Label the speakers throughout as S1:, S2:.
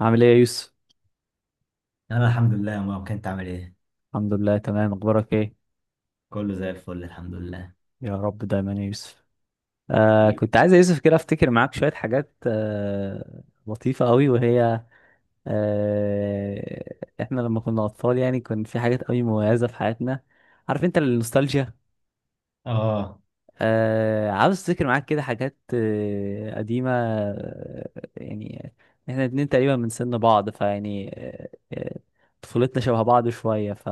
S1: عامل ايه يا يوسف؟
S2: انا الحمد لله يا مروان. كنت عامل ايه؟
S1: الحمد لله تمام. اخبارك ايه؟
S2: كله زي الفل، الحمد لله.
S1: يا رب دايما يا يوسف. كنت عايز يا يوسف كده افتكر معاك شوية حاجات لطيفة قوي، وهي آه احنا لما كنا اطفال يعني كان في حاجات قوي مميزة في حياتنا، عارف انت النوستالجيا.
S2: اه،
S1: عاوز افتكر معاك كده حاجات قديمة يعني، احنا الاتنين تقريبا من سن بعض، فيعني طفولتنا شبه بعض شوية.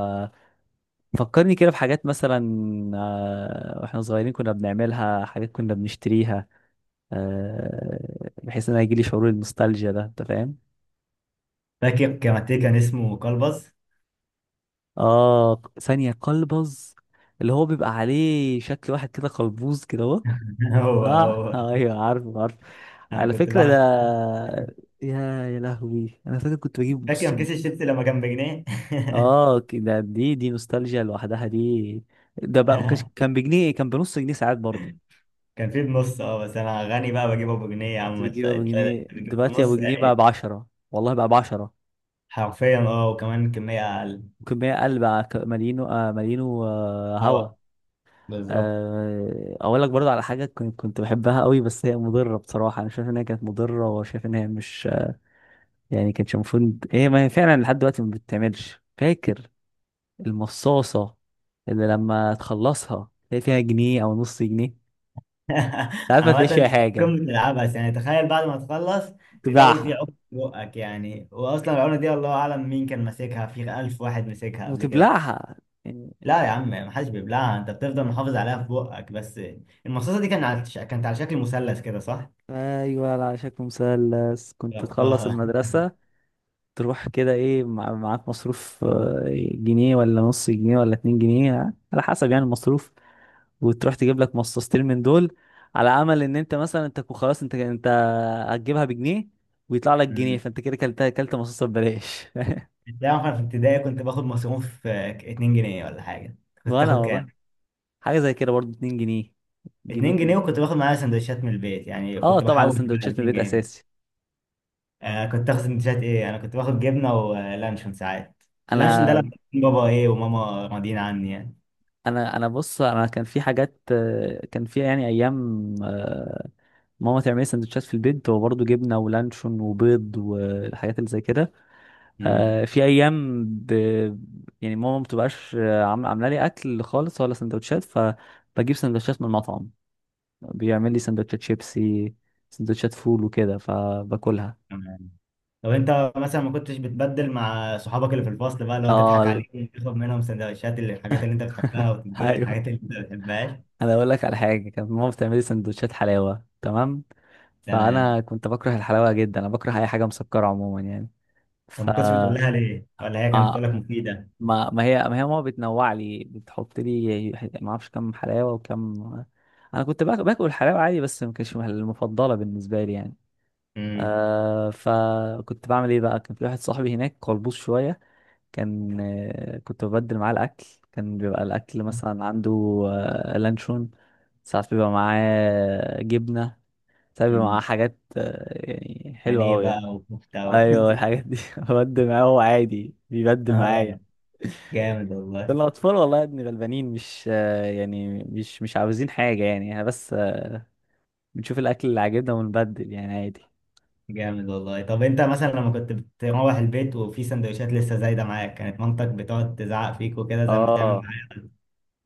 S1: فكرني كده بحاجات مثلا واحنا صغيرين كنا بنعملها، حاجات كنا بنشتريها بحيث ان انا يجيلي شعور النوستالجيا ده، انت فاهم.
S2: فاكر كاراتيه كان اسمه كلبز؟
S1: اه، ثانية قلبز، اللي هو بيبقى عليه شكل واحد كده قلبوز كده اهو.
S2: هو
S1: اه،
S2: هو.
S1: ايوه عارفه عارفه،
S2: انا
S1: على
S2: كنت
S1: فكرة ده.
S2: بعشق.
S1: يا يا لهوي، انا فاكر كنت بجيب، بص،
S2: فاكر كيس الشيبسي لما كان بجنيه؟
S1: اه كده، دي دي نوستالجيا لوحدها دي. ده بقى ما كانش- كان بجنيه، كان بنص جنيه ساعات برضو.
S2: كان فيه بنص، اه، بس انا غني بقى بجيبه بجنيه يا
S1: كنت
S2: عم. انت
S1: بجيب ابو
S2: انت
S1: جنيه،
S2: بتجيبه
S1: دلوقتي ابو
S2: بنص
S1: جنيه بقى
S2: يعني
S1: ب 10، والله بقى ب 10،
S2: حرفيا، اه. وكمان كميه اقل.
S1: ممكن 100 قل بقى، مليون مليون وهوا.
S2: هوا، بالظبط.
S1: اقول لك برضه على حاجه كنت بحبها قوي، بس هي مضره بصراحه، انا شايف ان هي كانت مضره، وشايف ان هي مش يعني كانتش المفروض هي، ما هي فعلا لحد دلوقتي ما بتتعملش، فاكر؟ المصاصه اللي لما تخلصها تلاقي فيها جنيه او نص جنيه، ساعات ما تلاقيش
S2: عامة
S1: فيها
S2: دي قمة
S1: حاجه،
S2: العبث، يعني تخيل بعد ما تخلص تلاقي في
S1: تباعها
S2: عقد في بقك، يعني واصلا العقدة دي الله اعلم مين كان ماسكها، في ألف واحد مسكها قبل كده.
S1: وتبلعها يعني.
S2: لا يا عم، محدش بيبلعها، انت بتفضل محافظ عليها في بقك بس. المصاصة دي كانت على، كانت على شكل مثلث كده، صح؟
S1: ايوه، على شكل مثلث. كنت تخلص
S2: جربتها؟
S1: المدرسه تروح كده، ايه، معاك مصروف جنيه ولا نص جنيه ولا اتنين جنيه، على حسب يعني المصروف، وتروح تجيب لك مصاصتين من دول، على امل ان انت مثلا، انت خلاص انت هتجيبها بجنيه ويطلع لك جنيه،
S2: أمم.
S1: فانت كده كلت مصاصه ببلاش.
S2: انت عارف انا في ابتدائي كنت باخد مصروف 2 جنيه ولا حاجة. كنت
S1: وانا
S2: تاخد
S1: والله
S2: كام؟
S1: حاجه زي كده برضو، اتنين جنيه، جنيه
S2: 2 جنيه،
S1: اتنين.
S2: وكنت باخد معايا سندوتشات من البيت، يعني
S1: اه،
S2: كنت
S1: طبعا
S2: بحوش بقى
S1: السندوتشات من
S2: 2
S1: البيت
S2: جنيه
S1: اساسي.
S2: انا كنت اخد سندوتشات ايه؟ انا كنت باخد جبنه ولانشون ساعات. اللانشون ده
S1: انا
S2: لما كان بابا ايه وماما راضيين عني يعني.
S1: انا بص، انا كان في حاجات كان في يعني ايام ماما تعمل لي سندوتشات في البيت، هو برضه جبنه ولانشون وبيض والحاجات اللي زي كده.
S2: امم.
S1: في ايام يعني ماما ما بتبقاش عامله لي اكل خالص ولا سندوتشات، فبجيب سندوتشات من المطعم، بيعمل لي سندوتشات شيبسي، سندوتشات فول وكده، فباكلها.
S2: تمام. طب انت مثلا ما كنتش بتبدل مع صحابك اللي في الفصل بقى، اللي هو
S1: اه
S2: تضحك
S1: ال-
S2: عليهم، تاخد منهم سندوتشات اللي، الحاجات اللي انت بتحبها، وتديهم
S1: ايوه،
S2: الحاجات اللي انت ما بتحبهاش؟
S1: انا اقول لك على حاجه، كانت ماما بتعمل لي سندوتشات حلاوه، تمام،
S2: تمام.
S1: فانا كنت بكره الحلاوه جدا، انا بكره اي حاجه مسكره عموما يعني.
S2: طب
S1: ف
S2: ما كنتش بتقول لها ليه؟ ولا هي كانت بتقول لك
S1: آه،
S2: مفيده؟
S1: ما هي ماما بتنوع لي، بتحط لي ما اعرفش كم حلاوه وكم، انا كنت باكل الحلاوه عادي، بس ما كانتش المفضله بالنسبه لي يعني.
S2: امم.
S1: فكنت بعمل ايه بقى؟ كان في واحد صاحبي هناك قلبوز شويه، كان آه، كنت ببدل معاه الاكل. كان بيبقى الاكل مثلا عنده لانشون، ساعات بيبقى معاه جبنه، ساعات بيبقى معاه
S2: امم.
S1: حاجات يعني حلوه
S2: بانيه
S1: قوي
S2: بقى
S1: يعني.
S2: وكفته و-
S1: ايوه، الحاجات دي ببدل معاه، هو عادي بيبدل معايا.
S2: جامد
S1: ده
S2: والله.
S1: الأطفال والله يا ابني غلبانين، مش يعني مش عاوزين حاجة يعني، احنا بس بنشوف الأكل اللي عاجبنا ونبدل يعني، عادي.
S2: جامد والله. طب انت مثلا لما كنت بتروح البيت وفي سندوتشات لسه زايده معاك، كانت مامتك بتقعد تزعق فيك وكده زي ما بتعمل
S1: اه،
S2: معاك؟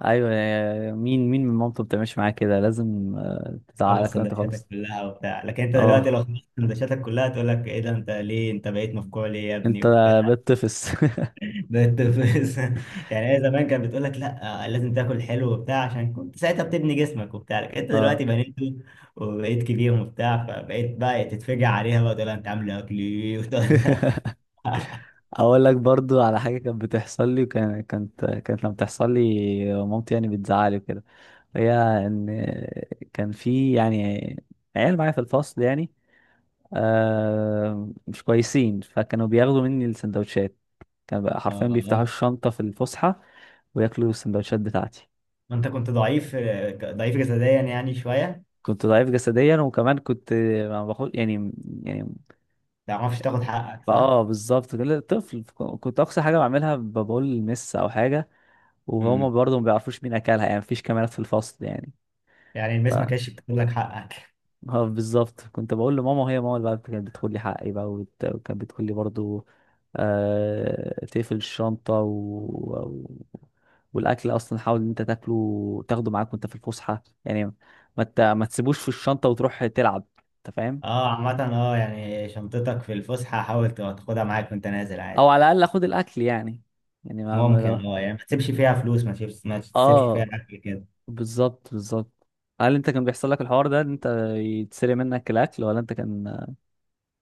S1: أيوة مين من مامته بتعملش معاه كده؟ لازم
S2: خلص
S1: تزعلك لو أنت
S2: سندوتشاتك
S1: خالص.
S2: كلها وبتاع. لكن انت دلوقتي
S1: اه،
S2: لو خلصت سندوتشاتك كلها تقول لك ايه ده، انت ليه انت بقيت مفجوع ليه يا ابني،
S1: أنت
S2: وبتاع.
S1: بتطفس.
S2: بقيت بس-. يعني هي زمان كانت بتقول لك لا لازم تاكل حلو وبتاع عشان كنت ساعتها بتبني جسمك وبتاع، لكن انت
S1: اه
S2: دلوقتي بنيت وبقيت كبير وبتاع، فبقيت بقى تتفجع عليها بقى تقول لها انت عامل اكل ايه. وتقعد-.
S1: أقول لك برضو على حاجة كانت بتحصل لي، وكانت كانت كانت لما بتحصل لي مامتي يعني بتزعلي وكده، هي، إن، كان في يعني عيال معايا في الفصل يعني مش كويسين، فكانوا بياخدوا مني السندوتشات، كان بقى حرفيا بيفتحوا الشنطة في الفسحة وياكلوا السندوتشات بتاعتي.
S2: ما انت كنت ضعيف، ضعيف جسديا يعني شويه، ما
S1: كنت ضعيف جسديا، وكمان كنت ما باخد يعني، يعني
S2: تعرفش تاخد حقك، صح؟
S1: اه بالظبط كده، طفل. كنت اقصى حاجة بعملها بقول لمس او حاجة، وهما
S2: امم.
S1: برضه ما بيعرفوش مين اكلها يعني، مفيش كاميرات في الفصل يعني.
S2: يعني المس ما كانتش بتاخد لك حقك؟
S1: اه بالظبط، كنت بقول لماما، وهي ماما اللي بقى كانت بتدخل لي حقي بقى، وكانت بتقول لي برضو تقفل الشنطة، و... والأكل أصلا حاول إن أنت تاكله، تاخده معاك وأنت في الفسحة يعني، ما تسيبوش في الشنطة وتروح تلعب، أنت فاهم.
S2: اه، عامه، اه يعني شنطتك في الفسحه حاول تاخدها معاك وانت نازل
S1: أو
S2: عادي.
S1: على الأقل خد الأكل يعني، يعني ما... ما...
S2: ممكن، اه
S1: لو-
S2: يعني ما تسيبش فيها فلوس، ما تسيبش، ما تسيبش فيها
S1: اه
S2: اكل كده.
S1: بالظبط بالظبط. هل أنت كان بيحصل لك الحوار ده، إن أنت يتسرق منك الأكل، ولا أنت كان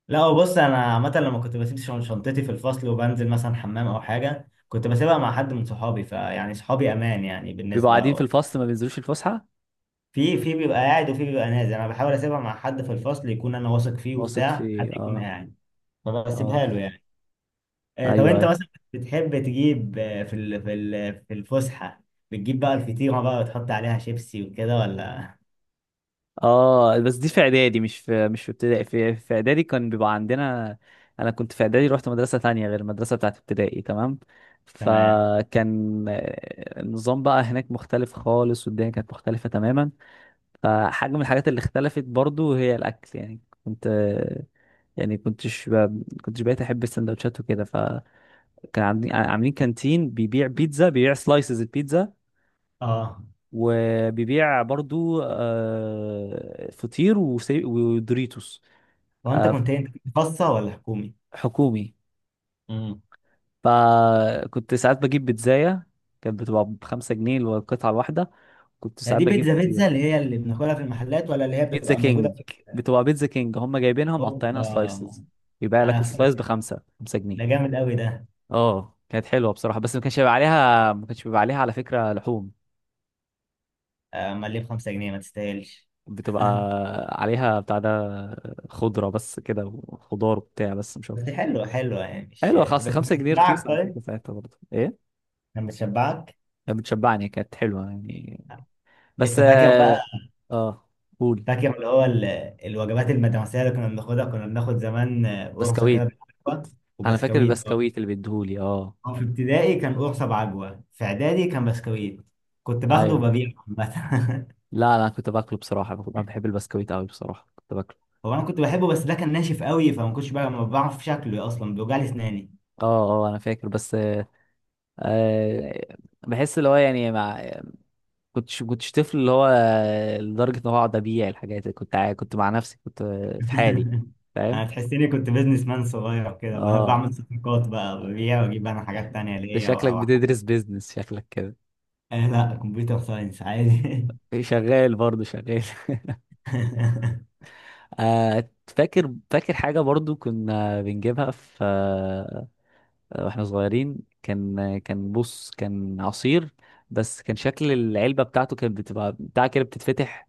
S2: لا بص، انا عامه لما كنت بسيب شنطتي في الفصل وبنزل مثلا حمام او حاجه، كنت بسيبها مع حد من صحابي، فيعني صحابي امان يعني
S1: بيبقوا قاعدين في
S2: بالنسبه.
S1: الفصل ما بينزلوش الفسحة؟
S2: في في بيبقى قاعد وفي بيبقى نازل، انا بحاول اسيبها مع حد في الفصل يكون انا واثق فيه
S1: واثق
S2: وبتاع،
S1: في
S2: حد يكون
S1: اه.
S2: قاعد،
S1: اه
S2: فبسيبها له يعني. طب
S1: ايوه
S2: انت
S1: ايوه.
S2: مثلا بتحب تجيب، في في في الفسحه بتجيب بقى الفطيره بقى وتحط عليها شيبسي وكده، ولا؟
S1: اه، بس دي في اعدادي، مش في مش في ابتدائي، في اعدادي كان بيبقى عندنا، انا كنت في اعدادي رحت مدرسه تانية غير المدرسه بتاعت ابتدائي، تمام،
S2: تمام.
S1: فكان النظام بقى هناك مختلف خالص، والدنيا كانت مختلفه تماما. فحاجه من الحاجات اللي اختلفت برضو هي الاكل يعني، كنت يعني كنتش كنتش بقيت احب السندوتشات وكده، فكان عاملين كانتين بيبيع بيتزا، بيبيع سلايسز البيتزا،
S2: اه،
S1: وبيبيع برضو فطير ودوريتوس.
S2: هو انت
S1: آه،
S2: كنت إيه؟ انت كنت خاصه ولا حكومي؟
S1: حكومي.
S2: امم.
S1: فكنت ساعات بجيب بيتزاية، كانت بتبقى بخمسة جنيه القطعة الواحدة، كنت
S2: هي
S1: ساعات
S2: دي
S1: بجيب
S2: بيتزا، بيتزا
S1: فطير.
S2: اللي هي اللي بناكلها في المحلات، ولا اللي هي
S1: بيتزا
S2: بتبقى موجوده
S1: كينج،
S2: في
S1: بتبقى بيتزا كينج هم جايبينها مقطعينها
S2: اوروبا؟
S1: سلايسز، يبيع لك
S2: انا ف-
S1: السلايس بخمسة، خمسة جنيه.
S2: ده جامد قوي ده.
S1: اه كانت حلوة بصراحة، بس ما كانش بيبقى عليها، ما كانش بيبقى عليها على فكرة لحوم،
S2: امال ليه ب 5 جنيه؟ ما تستاهلش؟
S1: بتبقى عليها بتاع ده، خضرة بس كده، وخضار وبتاع، بس مش
S2: بس
S1: أكتر.
S2: حلوه، حلوه يعني، مش
S1: حلوة، خاصة
S2: بس
S1: خمسة جنيه
S2: بتشبعك،
S1: رخيصة على
S2: طيب؟
S1: فكرة ساعتها برضه، ايه،
S2: كان بتشبعك؟
S1: كانت بتشبعني، كانت حلوة يعني. بس
S2: انت فاكر بقى،
S1: اه آه، قول.
S2: فاكر اللي هو الوجبات المدرسية اللي كنا بناخدها؟ كنا بناخد زمان، قرصة كده
S1: بسكويت.
S2: بالعجوة
S1: انا فاكر
S2: وبسكويت، اه.
S1: البسكويت اللي بيديهولي، اه
S2: هو في ابتدائي كان قرصة بعجوة، في إعدادي كان بسكويت، كنت باخده
S1: ايوه.
S2: وببيعه عامة.
S1: لا انا كنت باكله بصراحة، انا بحب البسكويت قوي بصراحة، كنت باكله.
S2: هو أنا كنت بحبه بس ده كان ناشف قوي، فما كنتش بقى، ما بعرف شكله أصلا، بيوجع لي أسناني.
S1: اه اه، انا فاكر بس آه، بحس اللي هو يعني مع، كنتش طفل اللي هو لدرجة ان هو اقعد ابيع الحاجات دي. كنت كنت مع نفسي، كنت في حالي، فاهم.
S2: أنا تحسيني كنت بيزنس مان صغير كده، ب-
S1: اه
S2: بعمل صفقات بقى، ببيع وأجيب أنا حاجات تانية
S1: ده
S2: ليا، أو
S1: شكلك
S2: أو أحب.
S1: بتدرس بيزنس، شكلك كده.
S2: آه لا، كمبيوتر ساينس عادي.
S1: شغال برضه شغال. فاكر حاجة برضه كنا بنجيبها في واحنا صغيرين. كان بص، كان عصير، بس كان شكل العلبة بتاعته كانت بتبقى بتاع كده بتتفتح،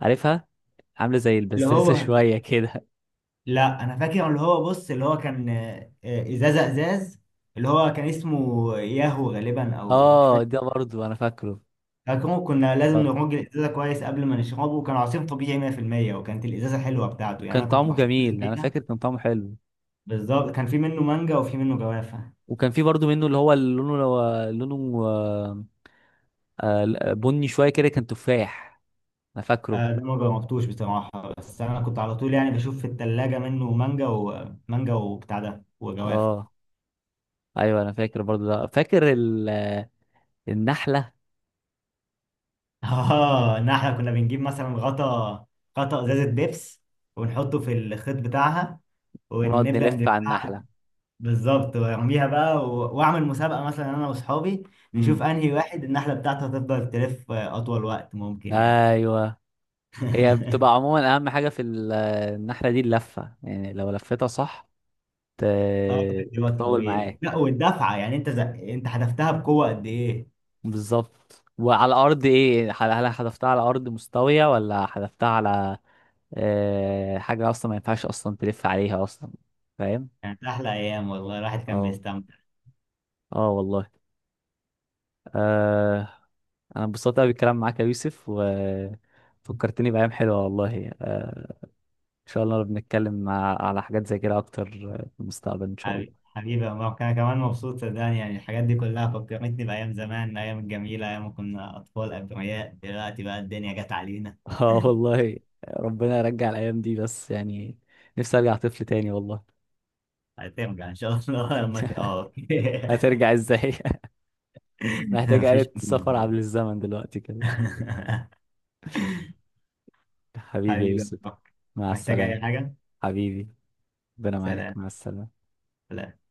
S1: عارفها؟ عاملة زي
S2: اللي
S1: البزازة
S2: هو،
S1: شوية كده.
S2: لا انا فاكر اللي هو، بص اللي هو كان، ازازه ازاز، اللي هو كان اسمه ياهو غالبا، او مش
S1: اه،
S2: فاكر.
S1: ده برضه انا فاكره.
S2: فاكره كنا لازم
S1: اه،
S2: نرج الازازه كويس قبل ما نشربه، وكان عصير طبيعي 100%، وكانت الازازه حلوه بتاعته يعني،
S1: وكان
S2: انا كنت
S1: طعمه
S2: بحتفظ
S1: جميل، انا
S2: بيها.
S1: فاكر كان طعمه حلو.
S2: بالظبط، كان في منه مانجا وفي منه جوافه.
S1: وكان في برضه منه اللي هو اللي لونه لونه بني شوية كده، كان تفاح، انا فاكره.
S2: ده ما جربتوش بصراحه، بس انا كنت على طول يعني بشوف في الثلاجه منه مانجا ومانجا وبتاع ده وجوافه.
S1: اه ايوه، انا فاكر برضو ده، فاكر النحله،
S2: اه، ان احنا كنا بنجيب مثلا غطا، غطا ازازه بيبس، ونحطه في الخيط بتاعها،
S1: ونقعد
S2: ونبدا
S1: نلف على
S2: نلفها.
S1: النحله.
S2: بالظبط، وارميها بقى و-، واعمل مسابقه مثلا انا واصحابي، نشوف
S1: امم
S2: انهي واحد النحله بتاعته هتفضل تلف اطول وقت ممكن يعني.
S1: ايوه، هي بتبقى عموما اهم حاجه في النحله دي اللفه يعني، لو لفتها صح ت...
S2: اه، بتدي وقت
S1: تطول
S2: طويل،
S1: معاك.
S2: لا والدفعه يعني، انت زق...، انت حدفتها بقوه قد ايه يعني؟
S1: بالظبط، وعلى ارض ايه، هل هل حذفتها على ارض مستويه، ولا حذفتها على حاجه اصلا ما ينفعش اصلا تلف عليها اصلا، فاهم.
S2: كانت احلى ايام والله، الواحد كان
S1: اه.
S2: بيستمتع.
S1: اه والله. أه... انا انبسطت قوي بالكلام معاك يا يوسف، وفكرتني بايام حلوه والله. شاء الله بنتكلم على حاجات زي كده اكتر في المستقبل ان شاء
S2: حبيبي،
S1: الله.
S2: حبيبي يا مروان، انا كمان مبسوط صدقني، يعني الحاجات دي كلها فكرتني بايام زمان، الايام الجميله، ايام ما كنا اطفال ابرياء. دلوقتي بقى الدنيا جت علينا.
S1: اه والله، ربنا يرجع الايام دي بس يعني، نفسي ارجع طفل تاني والله.
S2: هترجع ان شاء الله. لما ت-، اه، أوكي.
S1: هترجع ازاي؟ محتاج
S2: مفيش.
S1: آلة سفر عبر الزمن دلوقتي كده. حبيبي يا
S2: حبيبي يا
S1: يوسف،
S2: مروان.
S1: مع
S2: محتاج
S1: السلامة.
S2: اي حاجه.
S1: حبيبي، ربنا معاك،
S2: سلام.
S1: مع السلامة.
S2: سلام.